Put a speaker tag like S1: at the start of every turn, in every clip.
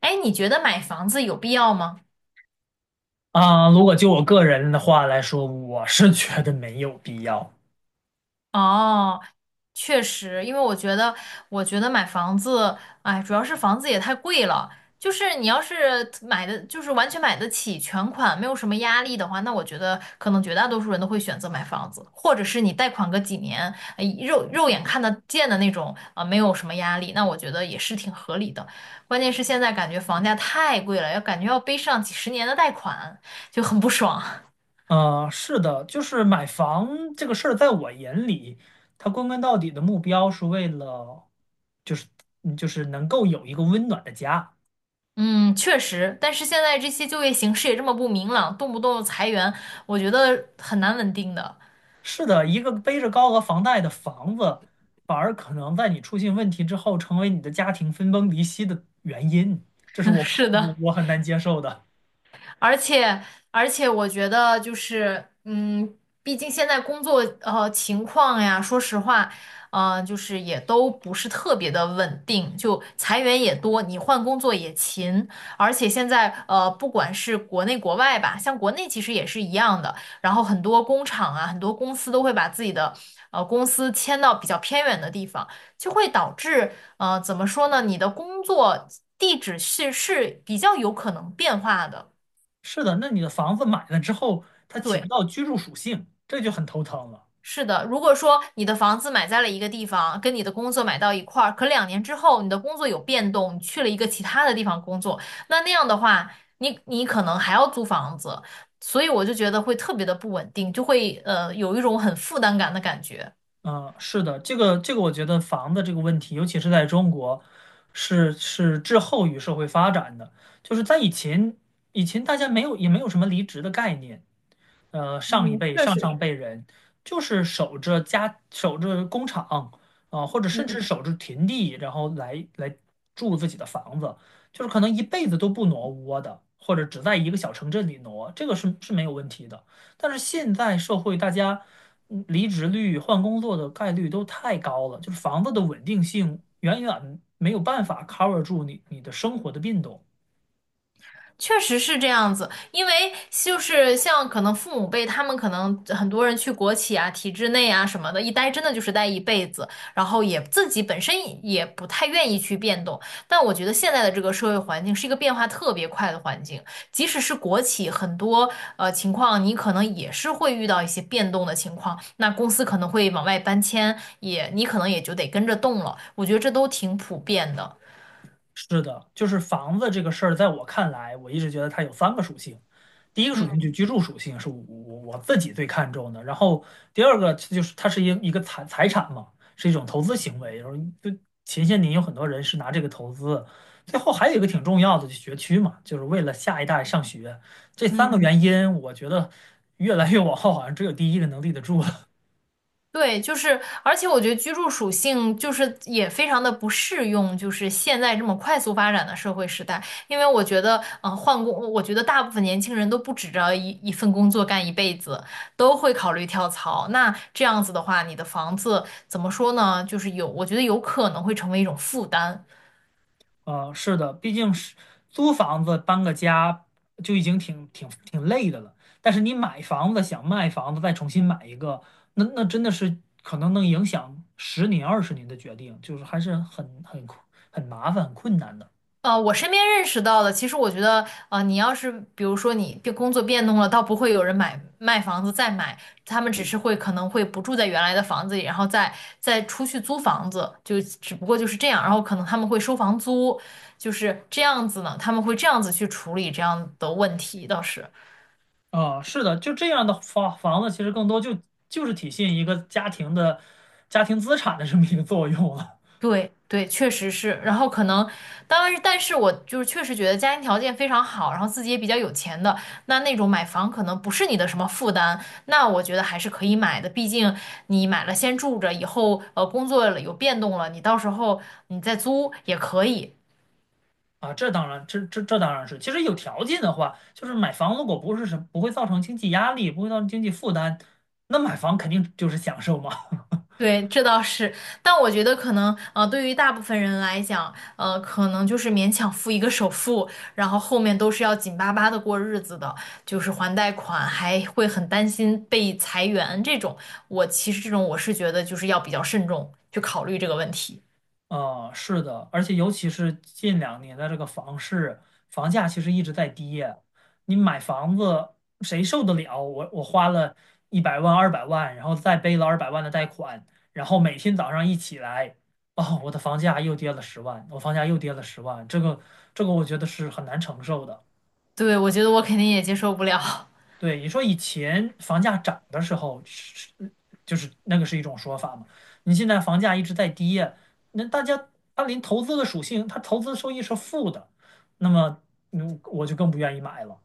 S1: 哎，你觉得买房子有必要吗？
S2: 啊，如果就我个人的话来说，我是觉得没有必要。
S1: 哦，确实，因为我觉得，我觉得买房子，哎，主要是房子也太贵了。就是你要是买的，就是完全买得起全款，没有什么压力的话，那我觉得可能绝大多数人都会选择买房子，或者是你贷款个几年，哎肉眼看得见的那种啊，没有什么压力，那我觉得也是挺合理的。关键是现在感觉房价太贵了，要感觉要背上几十年的贷款，就很不爽。
S2: 啊，是的，就是买房这个事儿，在我眼里，它归根到底的目标是为了，就是就是能够有一个温暖的家。
S1: 嗯，确实，但是现在这些就业形势也这么不明朗，动不动裁员，我觉得很难稳定的。
S2: 是的，一个背着高额房贷的房子，反而可能在你出现问题之后，成为你的家庭分崩离析的原因。这 是
S1: 嗯，
S2: 我
S1: 是
S2: 我
S1: 的。
S2: 我很难接受的。
S1: 而且而且我觉得就是，嗯，毕竟现在工作情况呀，说实话，就是也都不是特别的稳定，就裁员也多，你换工作也勤，而且现在不管是国内国外吧，像国内其实也是一样的，然后很多工厂啊，很多公司都会把自己的公司迁到比较偏远的地方，就会导致怎么说呢，你的工作地址是比较有可能变化的。
S2: 是的，那你的房子买了之后，它起不
S1: 对，
S2: 到居住属性，这就很头疼了。
S1: 是的。如果说你的房子买在了一个地方，跟你的工作买到一块儿，可两年之后你的工作有变动，你去了一个其他的地方工作，那样的话，你可能还要租房子，所以我就觉得会特别的不稳定，就会有一种很负担感的感觉。
S2: 嗯，是的，我觉得房子这个问题，尤其是在中国，是滞后于社会发展的。就是在以前，大家没有也没有什么离职的概念，上一辈、上上辈人，就是守着家、守着工厂啊、或者甚至守着田地，然后来住自己的房子，就是可能一辈子都不挪窝的，或者只在一个小城镇里挪，这个是没有问题的。但是现在社会，大家离职率、换工作的概率都太高了，就是房子的稳定性远远没有办法 cover 住你的生活的变动。
S1: 确实是这样子，因为就是像可能父母辈，他们可能很多人去国企啊、体制内啊什么的，一待真的就是待一辈子，然后也自己本身也不太愿意去变动。但我觉得现在的这个社会环境是一个变化特别快的环境，即使是国企，很多情况你可能也是会遇到一些变动的情况，那公司可能会往外搬迁，也你可能也就得跟着动了。我觉得这都挺普遍的。
S2: 是的，就是房子这个事儿，在我看来，我一直觉得它有3个属性。第一个属性
S1: 嗯
S2: 就居住属性是我自己最看重的，然后第二个就是它是一个财产嘛，是一种投资行为。然后就前些年有很多人是拿这个投资，最后还有一个挺重要的，就学区嘛，就是为了下一代上学。这三个
S1: 嗯。
S2: 原因，我觉得越来越往后，好像只有第一个能立得住了
S1: 对，就是，而且我觉得居住属性就是也非常的不适用，就是现在这么快速发展的社会时代，因为我觉得，嗯、换工，我觉得大部分年轻人都不指着一份工作干一辈子，都会考虑跳槽。那这样子的话，你的房子怎么说呢？就是有，我觉得有可能会成为一种负担。
S2: 是的，毕竟是租房子搬个家就已经挺累的了，但是你买房子想卖房子再重新买一个，那真的是可能能影响10年20年的决定，就是还是很困很麻烦很困难的。
S1: 我身边认识到的，其实我觉得，你要是比如说你变工作变动了，倒不会有人买卖房子再买，他们只是会可能会不住在原来的房子里，然后再出去租房子，就只不过就是这样，然后可能他们会收房租，就是这样子呢，他们会这样子去处理这样的问题，倒是。
S2: 啊、是的，就这样的房子其实更多就是体现一个家庭资产的这么一个作用了。
S1: 对对，确实是。然后可能，当然是，但是我就是确实觉得家庭条件非常好，然后自己也比较有钱的，那种买房可能不是你的什么负担，那我觉得还是可以买的。毕竟你买了先住着，以后工作了有变动了，你到时候你再租也可以。
S2: 啊，这当然，这当然是。其实有条件的话，就是买房如果不是什不会造成经济压力，不会造成经济负担，那买房肯定就是享受嘛。
S1: 对，这倒是，但我觉得可能，对于大部分人来讲，可能就是勉强付一个首付，然后后面都是要紧巴巴的过日子的，就是还贷款，还会很担心被裁员这种。我其实这种我是觉得就是要比较慎重去考虑这个问题。
S2: 啊，是的，而且尤其是近2年的这个房市，房价其实一直在跌。你买房子谁受得了？我花了100万、200万，然后再背了二百万的贷款，然后每天早上一起来，哦，我的房价又跌了十万，我房价又跌了十万，这个我觉得是很难承受的。
S1: 对，我觉得我肯定也接受不了。
S2: 对，你说以前房价涨的时候是，就是那个是一种说法嘛。你现在房价一直在跌，那大家它连投资的属性，它投资收益是负的，那么我就更不愿意买了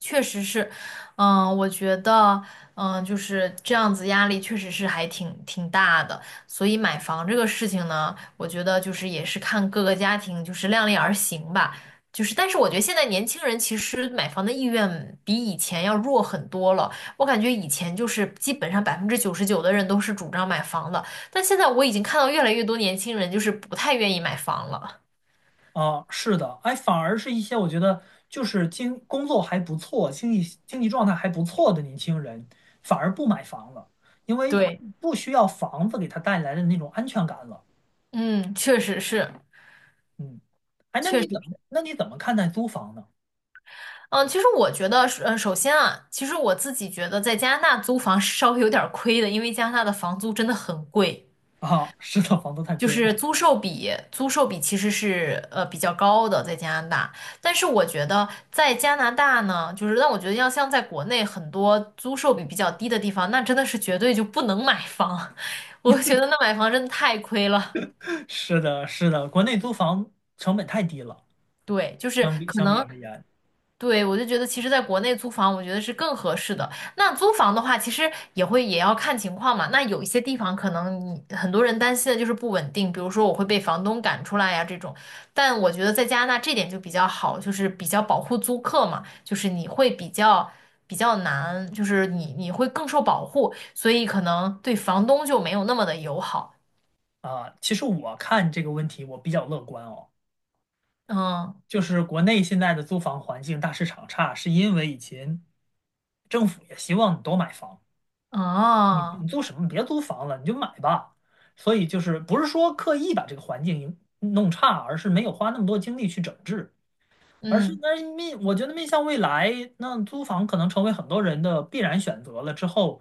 S1: 确实是，嗯，我觉得，嗯，就是这样子，压力确实是还挺大的。所以买房这个事情呢，我觉得就是也是看各个家庭就是量力而行吧。就是，但是我觉得现在年轻人其实买房的意愿比以前要弱很多了。我感觉以前就是基本上99%的人都是主张买房的，但现在我已经看到越来越多年轻人就是不太愿意买房了。
S2: 啊。是的，哎，反而是一些我觉得就是工作还不错、经济状态还不错的年轻人，反而不买房了，因为
S1: 对，
S2: 不需要房子给他带来的那种安全感了。
S1: 嗯，确实是。
S2: 嗯，哎，那
S1: 确
S2: 你
S1: 实。
S2: 怎么那你怎么看待租房呢？
S1: 嗯，其实我觉得是，首先啊，其实我自己觉得在加拿大租房是稍微有点儿亏的，因为加拿大的房租真的很贵，
S2: 啊，是的，房租太
S1: 就
S2: 贵
S1: 是
S2: 了。
S1: 租售比，租售比其实是比较高的在加拿大。但是我觉得在加拿大呢，就是让我觉得要像在国内很多租售比比较低的地方，那真的是绝对就不能买房，我觉得那买房真的太亏了。
S2: 是的，是的，国内租房成本太低了，
S1: 对，就是
S2: 相比而言
S1: 对，我就觉得其实在国内租房，我觉得是更合适的。那租房的话，其实也会也要看情况嘛。那有一些地方可能你很多人担心的就是不稳定，比如说我会被房东赶出来呀这种。但我觉得在加拿大这点就比较好，就是比较保护租客嘛，就是你会比较难，就是你你会更受保护，所以可能对房东就没有那么的友好。
S2: 啊，其实我看这个问题我比较乐观哦，
S1: 嗯，
S2: 就是国内现在的租房环境大市场差，是因为以前政府也希望你多买房，你
S1: 哦，
S2: 你租什么？别租房了，你就买吧。所以就是不是说刻意把这个环境弄差，而是没有花那么多精力去整治。而是
S1: 嗯，
S2: 那面，我觉得面向未来，那租房可能成为很多人的必然选择了。之后，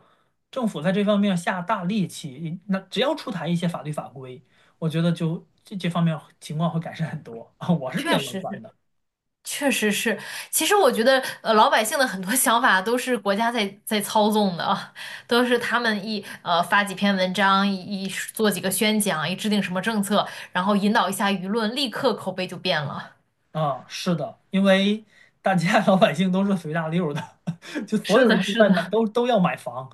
S2: 政府在这方面下大力气，那只要出台一些法律法规，我觉得就这方面情况会改善很多啊。我是比
S1: 确
S2: 较乐
S1: 实
S2: 观
S1: 是。
S2: 的
S1: 确实是，其实我觉得，老百姓的很多 想法都是国家在操纵的啊，都是他们一发几篇文章，一做几个宣讲，一制定什么政策，然后引导一下舆论，立刻口碑就变了。
S2: 啊，是的，因为大家 老百姓都是随大溜儿的，就 所
S1: 是
S2: 有人
S1: 的，
S2: 都
S1: 是
S2: 在买，
S1: 的，
S2: 都要买房，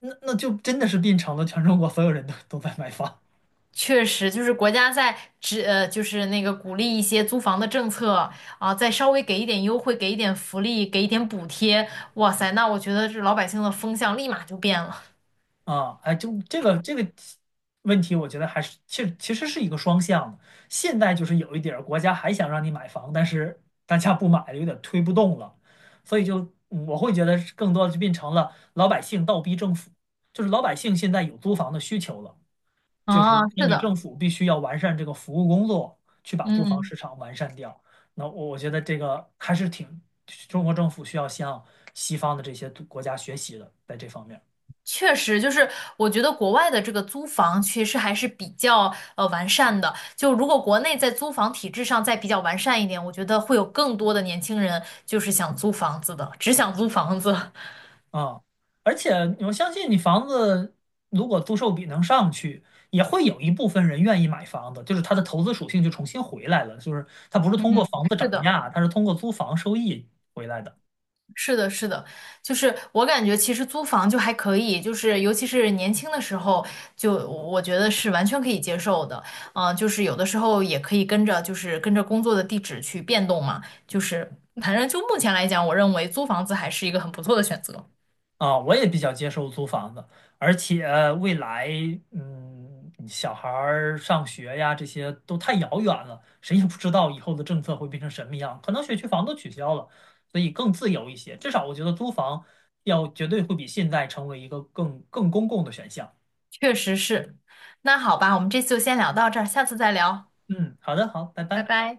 S2: 那就真的是变成了全中国所有人都在买房。
S1: 确实就是国家在就是那个鼓励一些租房的政策啊，再稍微给一点优惠，给一点福利，给一点补贴，哇塞，那我觉得这老百姓的风向立马就变了。
S2: 啊，哎，就这个问题，我觉得还是其实是一个双向的。现在就是有一点儿国家还想让你买房，但是大家不买了，有点推不动了，所以就我会觉得是更多的就变成了老百姓倒逼政府，就是老百姓现在有租房的需求了，就是
S1: 啊，
S2: 那
S1: 是
S2: 你
S1: 的，
S2: 政府必须要完善这个服务工作，去把租房
S1: 嗯。
S2: 市场完善掉。那我觉得这个还是挺中国政府需要向西方的这些国家学习的，在这方面。
S1: 确实，就是我觉得国外的这个租房其实还是比较完善的。就如果国内在租房体制上再比较完善一点，我觉得会有更多的年轻人就是想租房子的，只想租房子。
S2: 啊，而且我相信你房子如果租售比能上去，也会有一部分人愿意买房子，就是它的投资属性就重新回来了，就是它不是通过
S1: 嗯，
S2: 房子
S1: 是
S2: 涨
S1: 的。
S2: 价，它是通过租房收益回来的。
S1: 是的，是的，就是我感觉其实租房就还可以，就是尤其是年轻的时候，就我觉得是完全可以接受的。嗯、就是有的时候也可以跟着，就是跟着工作的地址去变动嘛。就是反正就目前来讲，我认为租房子还是一个很不错的选择。
S2: 啊，我也比较接受租房子，而且未来，嗯，小孩儿上学呀，这些都太遥远了，谁也不知道以后的政策会变成什么样，可能学区房都取消了，所以更自由一些。至少我觉得租房要绝对会比现在成为一个更公共的选项。
S1: 确实是。那好吧，我们这次就先聊到这儿，下次再聊，
S2: 嗯，好的，好，拜
S1: 拜
S2: 拜。
S1: 拜。